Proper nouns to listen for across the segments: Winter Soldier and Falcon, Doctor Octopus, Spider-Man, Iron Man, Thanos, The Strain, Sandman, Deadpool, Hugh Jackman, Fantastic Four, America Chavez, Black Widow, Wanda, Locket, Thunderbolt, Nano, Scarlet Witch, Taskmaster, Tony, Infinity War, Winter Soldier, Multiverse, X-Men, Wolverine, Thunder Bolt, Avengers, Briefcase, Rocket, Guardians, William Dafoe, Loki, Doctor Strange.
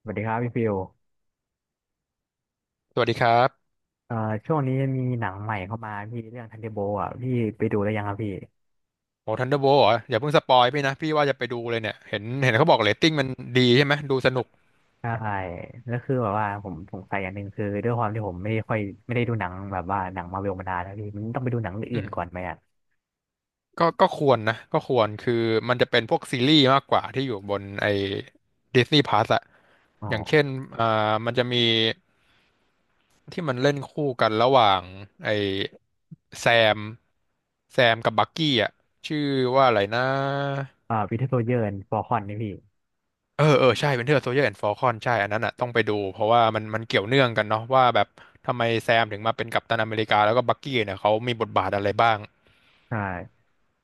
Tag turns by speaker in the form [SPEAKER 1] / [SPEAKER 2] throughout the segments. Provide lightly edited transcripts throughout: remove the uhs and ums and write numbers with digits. [SPEAKER 1] สวัสดีครับพี่ฟิว
[SPEAKER 2] สวัสดีครับ
[SPEAKER 1] เอ่อช่วงนี้มีหนังใหม่เข้ามาพี่เรื่องทันเดอร์โบอ่ะพี่ไปดูแล้วยังครับพี่
[SPEAKER 2] โอ้ทันเดอร์โบเหรออย่าเพิ่งสปอยพี่นะพี่ว่าจะไปดูเลยเนี่ยเห็นเขาบอกเรตติ้งมันดีใช่ไหมดูสนุก
[SPEAKER 1] ใช่แล้วคือแบบว่าผมสงสัยอย่างหนึ่งคือด้วยความที่ผมไม่ได้ค่อยไม่ได้ดูหนังแบบว่าหนังมาร์เวลมานานแล้วพี่มันต้องไปดูหนังเรื่อง
[SPEAKER 2] อื
[SPEAKER 1] อื่นก่อน
[SPEAKER 2] ม
[SPEAKER 1] ไหมอ่ะ
[SPEAKER 2] ก็ควรนะก็ควรคือมันจะเป็นพวกซีรีส์มากกว่าที่อยู่บนไอ้ดิสนีย์พลัสอะ
[SPEAKER 1] อ๋
[SPEAKER 2] อย่างเช่น
[SPEAKER 1] อ
[SPEAKER 2] อ่ามันจะมีที่มันเล่นคู่กันระหว่างไอ้แซมแซมกับบักกี้อะชื่อว่าอะไรนะ
[SPEAKER 1] วินเทอร์โซลเยอร์ฟอร์คอนนี่พี่
[SPEAKER 2] เออ เออ ใช่ Winter Soldier and Falcon ใช่อันนั้นอ่ะต้องไปดูเพราะว่ามันเกี่ยวเนื่องกันเนาะว่าแบบทำไมแซมถึงมาเป็นกัปตันอเมริกาแล้วก็บักกี้เนี่ยเขามีบทบาทอะไรบ้าง
[SPEAKER 1] ใช่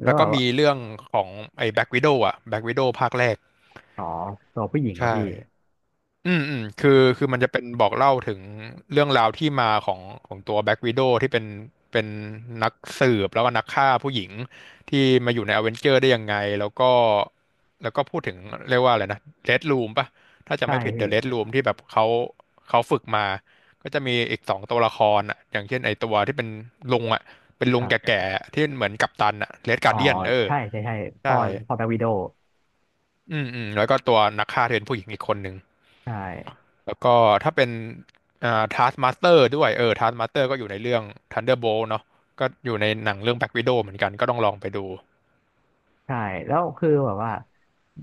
[SPEAKER 1] แล้ว
[SPEAKER 2] แล้ว
[SPEAKER 1] แบ
[SPEAKER 2] ก็
[SPEAKER 1] บว่า
[SPEAKER 2] มีเรื่องของไอ้แบ็ k ว i โ o w อ่ะแบ็ k ว i โ o w ภาคแรก
[SPEAKER 1] อ๋อตัวผู้หญิงเหร
[SPEAKER 2] ใช่
[SPEAKER 1] อพี่
[SPEAKER 2] อืมคือมันจะเป็นบอกเล่าถึงเรื่องราวที่มาของตัวแบ็ w ว d o w ที่เป็นนักสืบแล้วก็นักฆ่าผู้หญิงที่มาอยู่ในอเวนเจอร์ได้ยังไงแล้วก็พูดถึงเรียกว่าอะไรนะเ d ด o ูมป่ะถ้าจะ
[SPEAKER 1] ใช่
[SPEAKER 2] ไม่ผิดเด
[SPEAKER 1] พี่
[SPEAKER 2] อะเ d ด o ูมที่แบบเขาฝึกมาก็จะมีอีก2 ตัวละครอ่ะอย่างเช่นไอตัวที่เป็นลุงอ่ะเป็น
[SPEAKER 1] ค
[SPEAKER 2] ลุง
[SPEAKER 1] รับ
[SPEAKER 2] แก่ๆที่เหมือนกัปตันอ่ะเ d ดกา
[SPEAKER 1] อ๋อ
[SPEAKER 2] ร์เดียนเออ
[SPEAKER 1] ใช่ใช่ใช่
[SPEAKER 2] ใช่
[SPEAKER 1] พ่อพ่อแบ็ควิโด
[SPEAKER 2] อืมแล้วก็ตัวนักฆ่าที่เป็นผู้หญิงอีกคนหนึ่ง
[SPEAKER 1] ใช่
[SPEAKER 2] แล้วก็ถ้าเป็นTaskmaster ด้วยเออ Taskmaster ก็อยู่ในเรื่อง Thunderbolt เนาะก็อยู่ในหนังเรื่อง Black Widow เหมือนกันก็ต้องลองไปดู
[SPEAKER 1] ใช่แล้วคือแบบว่า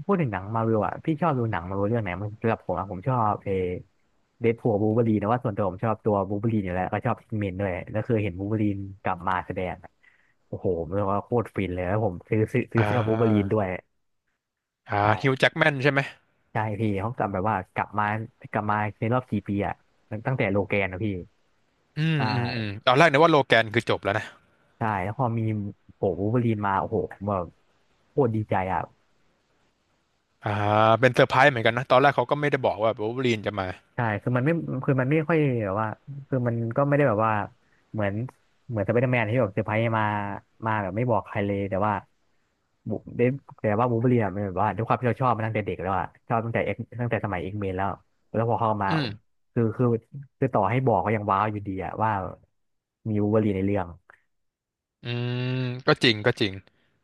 [SPEAKER 1] พูดถึงหนังมาวิวอ่ะพี่ชอบดูหนังมาวิวเรื่องไหนมันสำหรับผมอ่ะผมชอบเอเดดพูลบูเบอรีนนะว่าส่วนตัวผมชอบตัวบูเบอรีนอยู่แล้วก็ชอบเมนด้วยแล้วคือเห็นบูเบอรีนกลับมาแสดงอะโอ้โหเรียกว่าโคตรฟินเลยแล้วผมซื้อซื้อซื้
[SPEAKER 2] อ่
[SPEAKER 1] อเสื้อบูเบอรีน
[SPEAKER 2] า
[SPEAKER 1] ด้วย
[SPEAKER 2] อ่าฮิวจ์
[SPEAKER 1] ใช่
[SPEAKER 2] แจ็กแมนใช่ไหม
[SPEAKER 1] ใช่พี่เขากลับแบบว่ากลับมาในรอบกี่ปีอ่ะตั้งแต่โลแกนนะพี่
[SPEAKER 2] อืม
[SPEAKER 1] ใช่
[SPEAKER 2] อืมอืมตอนแรกนึกว่าโลแกนคือจบแล้วนะ
[SPEAKER 1] ใช่แล้วพอมีโอ้โหบูล์ฟเบอรีนมาโอ้โหผมแบบโคตรดีใจอ่ะ
[SPEAKER 2] อ่าเป็นเซอร์ไพรส์เหมือนกันนะตอนแรกเขาก็ไม่ได้บอกว่าวูล์ฟเวอรีนจะมา
[SPEAKER 1] ใช่คือมันไม่ค่อยแบบว่าคือมันก็ไม่ได้แบบว่า เหมือนเหมือนสไปเดอร์แมนที่แบบเซอร์ไพรส์มามาแบบไม่บอกใครเลย แต่ว่าบุเดฟแต่ว่าบูล์ฟเบอรีนอะมันแบบว่าด้วยความที่เราชอบมาตั้งแต่เด็กแล้วอะชอบตั้งแต่เอ็กตั้งแต่สมัยเอ็กเมนแล้ว แล้วพอเข้ามา
[SPEAKER 2] อืม
[SPEAKER 1] คือคือคือต่อให้บอกก็ยังว้าวอยู่ดีอะว่ามีบูล์ฟเบอรีนในเรื่อง
[SPEAKER 2] อืมก็จริงก็จริง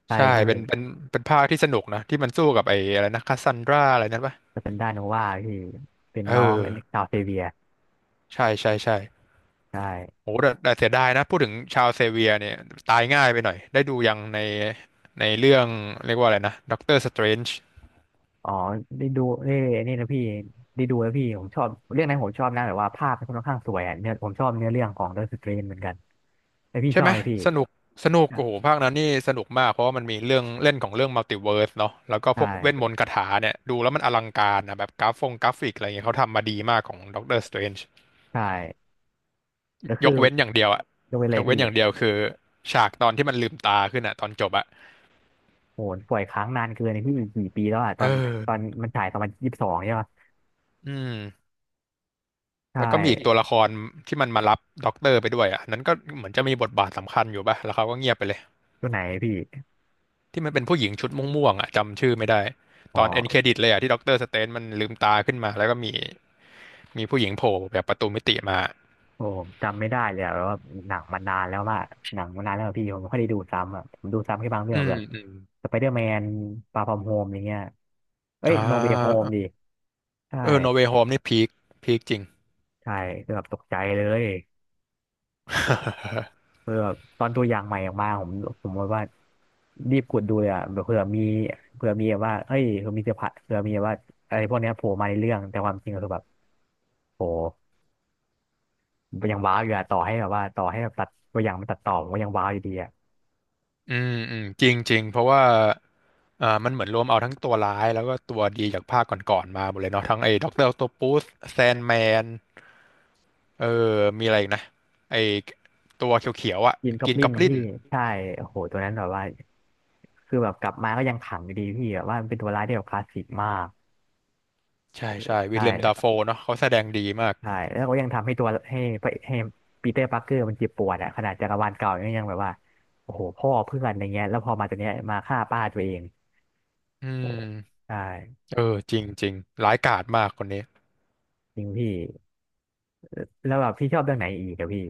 [SPEAKER 1] ใช่
[SPEAKER 2] ใช่
[SPEAKER 1] พี่
[SPEAKER 2] เป็นภาคที่สนุกนะที่มันสู้กับไอ้อะไรนะคาซันดราอะไรนั่นปะ
[SPEAKER 1] จะเป็นด้านโนวาพี่เป็น
[SPEAKER 2] เอ
[SPEAKER 1] น้องออันนี้
[SPEAKER 2] อ
[SPEAKER 1] ชาวเซเวีย
[SPEAKER 2] ใช่ใช่ใช่
[SPEAKER 1] ใช่
[SPEAKER 2] โอ้แต่เสียดายนะพูดถึงชาวเซเวียร์เนี่ยตายง่ายไปหน่อยได้ดูยังในเรื่องเรียกว่าอะไรนะด็อกเตอร์สเตรนจ์
[SPEAKER 1] อ๋อได้ดูเอ้ยนี่นะพี่ได้ดูแล้วพี่ผมชอบเรื่องนั้นผมชอบนะแบบว่าภาพมันค่อนข้างสวยอ่ะเนื้อผมชอบเนื้อเรื่องของ The Strain เหมือนกันแต่พี่
[SPEAKER 2] ใช่
[SPEAKER 1] ชอ
[SPEAKER 2] ไห
[SPEAKER 1] บ
[SPEAKER 2] ม
[SPEAKER 1] ไหมพี่
[SPEAKER 2] สนุกสนุกโอ้โหภาคนั้นนี่สนุกมากเพราะว่ามันมีเรื่องเล่นของเรื่องมัลติเวิร์สเนาะแล้วก็
[SPEAKER 1] ใช
[SPEAKER 2] พวกเวทม
[SPEAKER 1] ่
[SPEAKER 2] นต์คาถาเนี่ยดูแล้วมันอลังการนะแบบกราฟงกราฟิกอะไรเงี้ยเขาทำมาดีมากของด็อกเตอร์สเตรนจ์
[SPEAKER 1] ใช่แล้ว
[SPEAKER 2] ย
[SPEAKER 1] คือ
[SPEAKER 2] กเว้นอย่างเดียวอะ
[SPEAKER 1] ดูเปเล
[SPEAKER 2] ย
[SPEAKER 1] ย
[SPEAKER 2] กเว้
[SPEAKER 1] พี่
[SPEAKER 2] นอย่างเดียวคือฉากตอนที่มันลืมตาขึ้นอะตอนจบอะ
[SPEAKER 1] โหปล่อยค้างนานเกินไอ้พี่กี่ปีแล้วอ่ะต
[SPEAKER 2] เอ
[SPEAKER 1] อน
[SPEAKER 2] อ
[SPEAKER 1] มันฉายตอนมันยี่สิบสองใช่ปะ
[SPEAKER 2] อืม
[SPEAKER 1] ใช
[SPEAKER 2] แล้วก็มีอีกตัว
[SPEAKER 1] ่
[SPEAKER 2] ละครที่มันมารับด็อกเตอร์ไปด้วยอ่ะนั้นก็เหมือนจะมีบทบาทสำคัญอยู่ป่ะแล้วเขาก็เงียบไปเลย
[SPEAKER 1] ตัวไหนพี่
[SPEAKER 2] ที่มันเป็นผู้หญิงชุดม่วงๆอ่ะจำชื่อไม่ได้
[SPEAKER 1] อ๋
[SPEAKER 2] ตอนเอ็นเคร
[SPEAKER 1] อ
[SPEAKER 2] ดิตเลยอ่ะที่ด็อกเตอร์สเตนมันลืมตาขึ้นมาแล้วก็มีผู้หญิงโผล่แบบประตูมิติมา
[SPEAKER 1] โอ้จำไม่ได้เลยอะแบบว่าหนังมันนานแล้วว่าหนังมันนานแล้วอะพี่ผมไม่ค่อยได้ดูซ้ำอ่ะผมดูซ้ำแค่บางเรื่อ
[SPEAKER 2] อื
[SPEAKER 1] ง
[SPEAKER 2] ม
[SPEAKER 1] แบบ
[SPEAKER 2] อืม
[SPEAKER 1] สไปเดอร์แมนฟาร์ฟอมโฮมอย่างเงี้ยเอ้
[SPEAKER 2] อ่
[SPEAKER 1] ยโนเวย์โฮม
[SPEAKER 2] า
[SPEAKER 1] ดิใช่
[SPEAKER 2] เออโนเว y h โฮมนี่พีคพีคจริง
[SPEAKER 1] ใช่คือแบบตกใจเลยเออแบบตอนตัวอย่างใหม่ออกมาผมว่ารีบกดดูเลยอ่ะแบบเผื่อมีแบบว่าเอ้ยเผื่อมีเซอร์ไพรส์เผื่อมีแบบว่าอะไรพวกเนี้ยโผล่มาในเรื่องแต่ความจริงก็คือแบบโหยังว้าวอยู่อะต่อให้แบบว่าต่อให้แบบตัดตัวอย่างมันตัดต่อผมก็ยังว้าวอยู่ดีอะ
[SPEAKER 2] อืมจริงจริงเพราะว่ามันเหมือนรวมเอาทั้งตัวร้ายแล้วก็ตัวดีจากภาคก่อนๆมาหมดเลยเนาะทั้งไอ้ด็อกเตอร์ออคโตปัสแซนแมน เออ มีอะไรอีกนะไอตัวเขียวๆอ่ะ
[SPEAKER 1] ยินก็
[SPEAKER 2] กิ
[SPEAKER 1] ป
[SPEAKER 2] น
[SPEAKER 1] ลิ
[SPEAKER 2] ก
[SPEAKER 1] น
[SPEAKER 2] อบ
[SPEAKER 1] กบ
[SPEAKER 2] ลิ
[SPEAKER 1] พี่
[SPEAKER 2] น
[SPEAKER 1] ลินใช่โอ้โหตัวนั้นแบบว่าคือแบบกลับมาก็ยังขังอยู่ดีพี่แบบว่ามันเป็นตัวร้ายที่แบบคลาสสิกมาก
[SPEAKER 2] ใช่ใช่
[SPEAKER 1] ใช
[SPEAKER 2] วิลเลียมดาโฟ
[SPEAKER 1] ่
[SPEAKER 2] เนาะเขาแสดงดีมาก
[SPEAKER 1] ใช่แล้วก็ยังทำให้ตัวให้พระให้ปีเตอร์ปาร์เกอร์มันเจ็บปวดอะขนาดจักรวาลเก่าเนี่ยยังแบบว่าโอ้โหพ่อเพื่อนอะไรเงี้ยแล้วพอมาตัวเนี้ยมาฆ่าป้าตัวเอง
[SPEAKER 2] อื
[SPEAKER 1] โอ้โห
[SPEAKER 2] ม
[SPEAKER 1] ใช่
[SPEAKER 2] เออจริงจริงร้ายกาจมากคนนี้
[SPEAKER 1] จริงพี่แล้วแบบพี่ชอบเรื่องไหนอีกอะพี่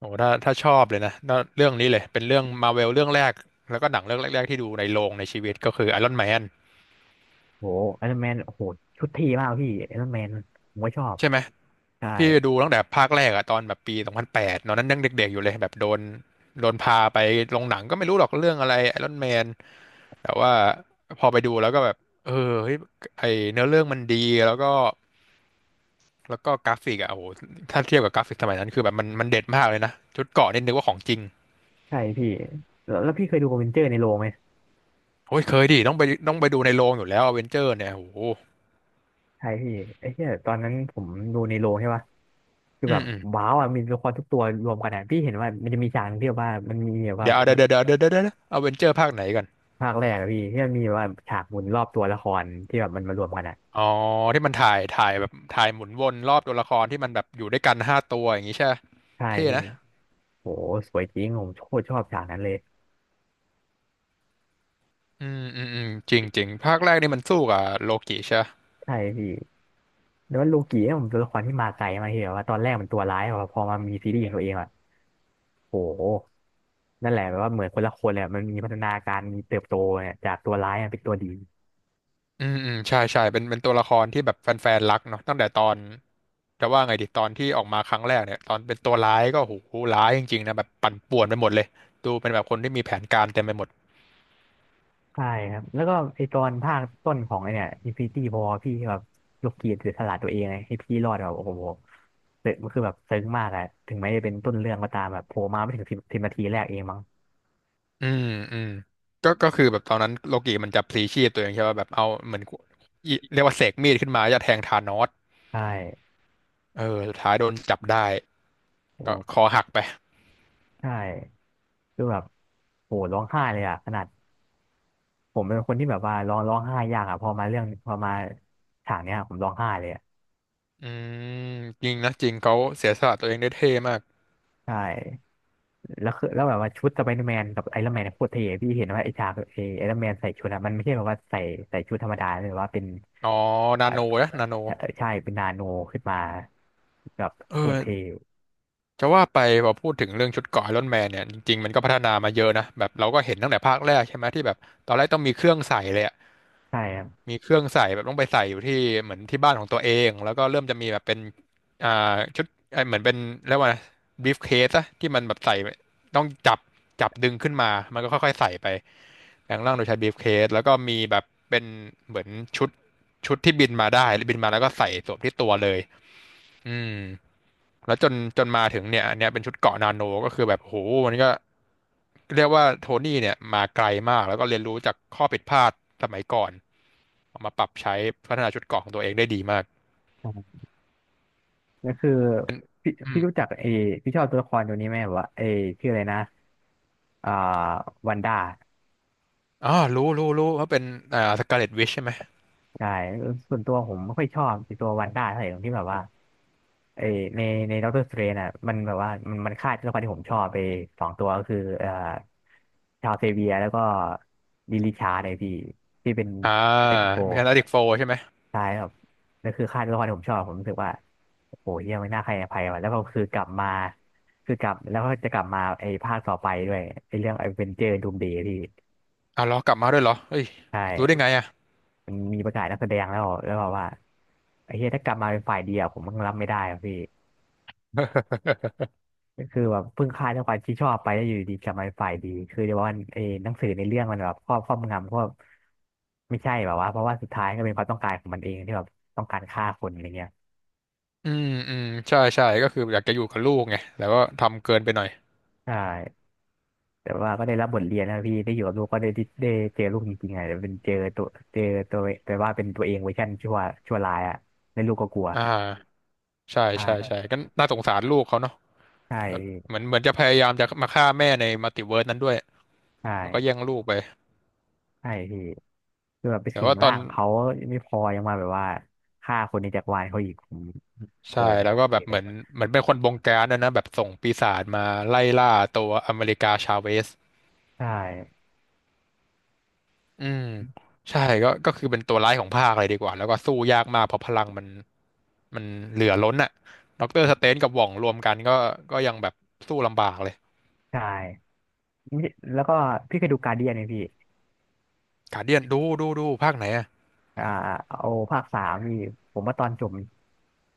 [SPEAKER 2] โอ้ถ้าชอบเลยนะน่าเรื่องนี้เลยเป็นเรื่องมาเวลเรื่องแรกแล้วก็หนังเรื่องแรกๆที่ดูในโรงในชีวิตก็คือไอรอนแมน
[SPEAKER 1] โอ้ไอรอนแมนโอ้โหชุดทีมากพี่ไอรอนแมนผมก็ชอบ
[SPEAKER 2] ใช่ไหม
[SPEAKER 1] ใช่
[SPEAKER 2] พี่ดูตั้งแต่ภาคแรกอะตอนแบบปี2008ตอนนั้นยังเด็กๆอยู่เลยแบบโดนพาไปโรงหนังก็ไม่รู้หรอกเรื่องอะไรไอรอนแมน แต่ว่าพอไปดูแล้วก็แบบเออเฮ้ยไอเนื้อเรื่องมันดีแล้วก็แล้วก็กราฟิกอะโอ้โหถ้าเทียบกับกราฟิกสมัยนั้นคือแบบมันเด็ดมากเลยนะชุดเกราะนี่นึกว่าของจริง
[SPEAKER 1] ใช่พี่แล้วพี่เคยดูอเวนเจอร์ในโรงไหม
[SPEAKER 2] โอ้ยเคยดิต้องไปดูในโรงอยู่แล้วอเวนเจอร์เนี่ยโอ้โห
[SPEAKER 1] ใช่พี่ไอ้เหี้ยตอนนั้นผมดูในโรงใช่ป่ะคือ
[SPEAKER 2] อื
[SPEAKER 1] แบ
[SPEAKER 2] ม
[SPEAKER 1] บ
[SPEAKER 2] อืม
[SPEAKER 1] ว้าวอ่ะมีตัวละครทุกตัวรวมกันอ่ะพี่เห็นว่ามันจะมีฉากหนึ่งที่แบบว่ามันมีแบบว่า
[SPEAKER 2] เดี๋ยวเดี๋ยวเดี๋ยวเดี๋ยวเดี๋ยวเดี๋ยวอเวนเจอร์ภาคไหนกัน
[SPEAKER 1] ภาคแรกอะพี่ที่มันมีแบบว่าฉากหมุนรอบตัวละครที่แบบมันมารวมกันอ่ะ
[SPEAKER 2] อ๋อที่มันถ่ายแบบถ่ายหมุนวนรอบตัวละครที่มันแบบอยู่ด้วยกัน5 ตัวอย่างงี้ใช่ปะ
[SPEAKER 1] ใช่
[SPEAKER 2] เท่
[SPEAKER 1] พี่
[SPEAKER 2] นะ
[SPEAKER 1] โหสวยจริงผมโคตรชอบฉากนั้นเลย
[SPEAKER 2] อืมจริงจริงภาคแรกนี่มันสู้กับโลกิใช่
[SPEAKER 1] ใช่พี่แล้วว่าโลกิเนี่ยผมตัวละครที่มาไกลมากที่แบบว่าตอนแรกมันตัวร้ายอะพอมามีซีรีส์ของตัวเองอ่ะโหนั่นแหละแบบว่าเหมือนคนละคนเลยอะมันมีพัฒนาการมีเติบโตเนี่ยจากตัวร้ายอะเป็นตัวดี
[SPEAKER 2] อืมใช่เป็นตัวละครที่แบบแฟนๆรักเนาะตั้งแต่ตอนจะว่าไงดีตอนที่ออกมาครั้งแรกเนี่ยตอนเป็นตัวร้ายก็โหร้ายจริงๆนะแบบปั่นป่วนไปหมดเลยดูเป็นแบบคนที่มีแผนการเต็มไปหมด
[SPEAKER 1] ใช่ครับแล้วก็ไอตอนภาคต้นของไอเนี่ย Infinity War พี่แบบยกเกียรติเสียสละตัวเองไงให้พี่รอดแบบโอ้โหเตะมันคือแบบซึ้งมากอะถึงแม้จะเป็นต้นเรื่องก็ตามแบบโผล่มาไม่ถึงสิบนาทีแรกเองมั้ง
[SPEAKER 2] อืมอืมก็คือแบบตอนนั้นโลกิมันจะพลีชีพตัวเองใช่ป่ะแบบเอาเหมือนอิเรียกว่าเสกมีดขึ้นมาจะแทงธานอส
[SPEAKER 1] ใช่
[SPEAKER 2] เออสุดท้ายโดนจับได้
[SPEAKER 1] โอ
[SPEAKER 2] ก็ค
[SPEAKER 1] ้
[SPEAKER 2] อหักไป
[SPEAKER 1] ใช่คือแบบโหร้องไห้เลยอะขนาดผมเป็นคนที่แบบว่าร้องไห้ยากอะพอมาฉากเนี้ยผมร้องไห้เลยอะ
[SPEAKER 2] อืมจริงนะจริงเขาเสียสละตัวเองได้เท่มาก
[SPEAKER 1] ใช่แล้วแบบว่าชุดสไปเดอร์แมนกับไอรอนแมนโคตรเท่พี่เห็นว่าไอฉากไอรอนแมนใส่ชุดอะมันไม่ใช่แบบว่าใส่ชุดธรรมดาเลยว่าเป็น
[SPEAKER 2] อ๋อนา
[SPEAKER 1] อา
[SPEAKER 2] โน
[SPEAKER 1] จ
[SPEAKER 2] นะนาโน
[SPEAKER 1] ะใช่เป็นนาโนขึ้นมาแบบ
[SPEAKER 2] เอ
[SPEAKER 1] โห
[SPEAKER 2] อ
[SPEAKER 1] ดเทว
[SPEAKER 2] จะว่าไปพอพูดถึงเรื่องชุดเกราะไอรอนแมนเนี่ยจริงๆมันก็พัฒนามาเยอะนะแบบเราก็เห็นตั้งแต่ภาคแรกใช่ไหมที่แบบตอนแรกต้องมีเครื่องใส่เลยอะ
[SPEAKER 1] ใช่ครับ
[SPEAKER 2] มีเครื่องใส่แบบต้องไปใส่อยู่ที่เหมือนที่บ้านของตัวเองแล้วก็เริ่มจะมีแบบเป็นชุดเออเหมือนเป็นเรียกว่าบีฟเคสอะที่มันแบบใส่ต้องจับดึงขึ้นมามันก็ค่อยๆใส่ไปแปลงร่างโดยใช้บีฟเคสแล้วก็มีแบบเป็นเหมือนชุดชุดที่บินมาได้บินมาแล้วก็ใส่สวมที่ตัวเลยอืม แล้วจนมาถึงเนี่ยอันเนี้ยเป็นชุดเกราะนาโนก็คือแบบโหมันก็เรียกว่าโทนี่เนี่ยมาไกลมากแล้วก็เรียนรู้จากข้อผิดพลาดสมัยก่อนเอามาปรับใช้พัฒนาชุดเกราะของตัวเองได้ดีมาก
[SPEAKER 1] ก็คือพี่
[SPEAKER 2] อื
[SPEAKER 1] พี่รู้จั
[SPEAKER 2] ม
[SPEAKER 1] กเอพี่ชอบตัวละครตัวนี้ไหมแบบว่าเอชื่ออะไรนะอ่าวันด้า
[SPEAKER 2] อ๋อรู้ว่าเป็นสกาเลตวิชใช่ไหม
[SPEAKER 1] ใช่ส่วนตัวผมไม่ค่อยชอบไอ้ตัววันด้าเท่าไหร่ตรงที่แบบว่าเอในในด็อกเตอร์สเตรนอ่ะมันแบบว่ามันฆ่าตัวละครที่ผมชอบไปสองตัวก็คือชาวเซเวียแล้วก็ลิชาร์ดไอพี่ที่เป็น
[SPEAKER 2] อ่า
[SPEAKER 1] เลตโก
[SPEAKER 2] มีแฟนตาติกโฟใช่ไหม
[SPEAKER 1] ใช่ครับนั่นคือค่ายตัวละครที่ผมชอบผมรู้สึกว่าโอ้โหเฮียไม่น่าใครอภัยว่ะแล้วก็คือกลับมาคือกลับแล้วก็จะกลับมาไอ้ภาคต่อไปด้วยไอ้เรื่องไอ้เวนเจอร์ดูมเดย์พี่
[SPEAKER 2] อ้าวเหรอกลับมาด้วยเหรอเฮ้ย
[SPEAKER 1] ใช่
[SPEAKER 2] รู้ได้ไงอ่ะ
[SPEAKER 1] มันมีประกาศนักแสดงแล้วแล้วบอกว่าไอ้เฮียถ้ากลับมาเป็นฝ่ายดีอะผมมันรับไม่ได้อะพี่ก็คือแบบเพิ่งค่ายตัวละครที่ชอบไปแล้วอยู่ดีๆกลับมาเป็นฝ่ายดีคือเดี๋ยวว่าไอ้หนังสือในเรื่องมันแบบครอบงำกบไม่ใช่แบบว่าเพราะว่าสุดท้ายก็เป็นความต้องการของมันเองที่แบบต้องการฆ่าคนอะไรเงี้ย
[SPEAKER 2] อืมใช่ก็คืออยากจะอยู่กับลูกไงแล้วก็ทำเกินไปหน่อย
[SPEAKER 1] ใช่ แต่ว่าก็ได้รับบทเรียนนะพี่ได้อยู่กับลูกก็ได้เจอลูกจริงๆอ่ะแต่เป็นเจอตัวแต่ว่าเป็นตัวเองเวอร์ชันชั่วร้ายอ่ะแล้วลูกก็กลัว
[SPEAKER 2] อ่าใช่
[SPEAKER 1] ใช่
[SPEAKER 2] ใช่ใช่ก็น่าสงสารลูกเขาเนาะ
[SPEAKER 1] ใช่
[SPEAKER 2] แบบ
[SPEAKER 1] พี่
[SPEAKER 2] เหมือนจะพยายามจะมาฆ่าแม่ในมัลติเวิร์สนั้นด้วย
[SPEAKER 1] ใช
[SPEAKER 2] แล้วก็แย่ง
[SPEAKER 1] ่
[SPEAKER 2] ลูกไป
[SPEAKER 1] ใช่พี่คือแบบไป
[SPEAKER 2] แต่
[SPEAKER 1] สิง
[SPEAKER 2] ว่าตอ
[SPEAKER 1] ร่า
[SPEAKER 2] น
[SPEAKER 1] งเขาไม่พอยังมาแบบว่าฆ่าคนในจักรวาลเขาอีกผมผ
[SPEAKER 2] ใช่
[SPEAKER 1] ม
[SPEAKER 2] แล้
[SPEAKER 1] ไม่
[SPEAKER 2] ว
[SPEAKER 1] โอ
[SPEAKER 2] ก็
[SPEAKER 1] เค
[SPEAKER 2] แบบ
[SPEAKER 1] เล
[SPEAKER 2] เหมื
[SPEAKER 1] ย
[SPEAKER 2] อนเหมือนเป็นคนบงการนะนะแบบส่งปีศาจมาไล่ล่าตัวอเมริกาชาเวส
[SPEAKER 1] ใช่
[SPEAKER 2] อืมใช่ก็คือเป็นตัวร้ายของภาคเลยดีกว่าแล้วก็สู้ยากมากเพราะพลังมันเหลือล้นอ่ะด็อกเตอร์สเตนกับหว่องรวมกันก็ยังแบบสู้ลำบากเลย
[SPEAKER 1] ใช่ไม่แล้วก็พี่เคยดูการ์เดียนไหมพี่
[SPEAKER 2] กาเดียนดูภาคไหนอ่ะ
[SPEAKER 1] อ่าเอาภาคสามนี่ผมว่าตอนจบ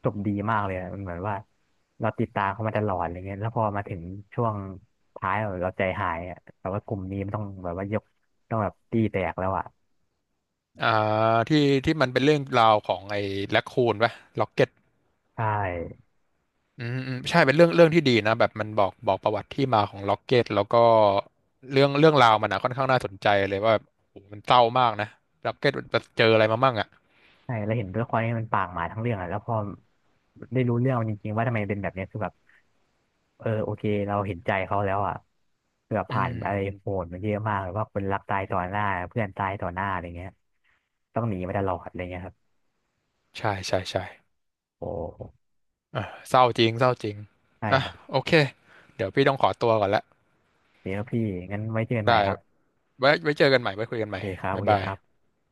[SPEAKER 1] จบดีมากเลยอะมันเหมือนว่าเราติดตามเขามาตลอดอะไรเงี้ยแล้วพอมาถึงช่วงท้ายเราใจหายอะแต่ว่ากลุ่มนี้มันต้องแบบว่าต้องแบบตีแตกแล้วอ่ะ
[SPEAKER 2] อ่าที่ที่มันเป็นเรื่องราวของไอ้แร็คคูนปะล็อกเก็ต
[SPEAKER 1] ใช่
[SPEAKER 2] อืมใช่เป็นเรื่องที่ดีนะแบบมันบอกประวัติที่มาของล็อกเก็ตแล้วก็เรื่องราวมันนะค่อนข้างน่าสนใจเลยว่าโอ้โหมันเศร้ามากนะล็อกเก็ตมันเจออะไรมามั่งอ่ะ
[SPEAKER 1] ใช่แล้วเห็นด้วยความที่มันปากหมาทั้งเรื่องอ่ะแล้วพอได้รู้เรื่องมันจริงๆว่าทำไมเป็นแบบเนี้ยคือแบบเออโอเคเราเห็นใจเขาแล้วอ่ะเกือบผ่านอะไรโหดมาเยอะมากแบบว่าคนรักตายต่อหน้าเพื่อนตายต่อหน้าอะไรเงี้ยต้องหนีมาตลอดอะไรเงี้ยครับ
[SPEAKER 2] ใช่
[SPEAKER 1] โอ้
[SPEAKER 2] อ่ะเศร้าจริงเศร้าจริง
[SPEAKER 1] ใช่
[SPEAKER 2] อ่ะ
[SPEAKER 1] ครับ
[SPEAKER 2] โอเคเดี๋ยวพี่ต้องขอตัวก่อนละ
[SPEAKER 1] โอเดี๋ยวพี่งั้นไว้เจอกันใหม่
[SPEAKER 2] ได้
[SPEAKER 1] ครับ
[SPEAKER 2] ไว้เจอกันใหม่ไว้คุยกัน
[SPEAKER 1] โอ
[SPEAKER 2] ใหม่
[SPEAKER 1] เคครับโอ
[SPEAKER 2] บ๊าย
[SPEAKER 1] เค
[SPEAKER 2] บา
[SPEAKER 1] ค
[SPEAKER 2] ย
[SPEAKER 1] รับ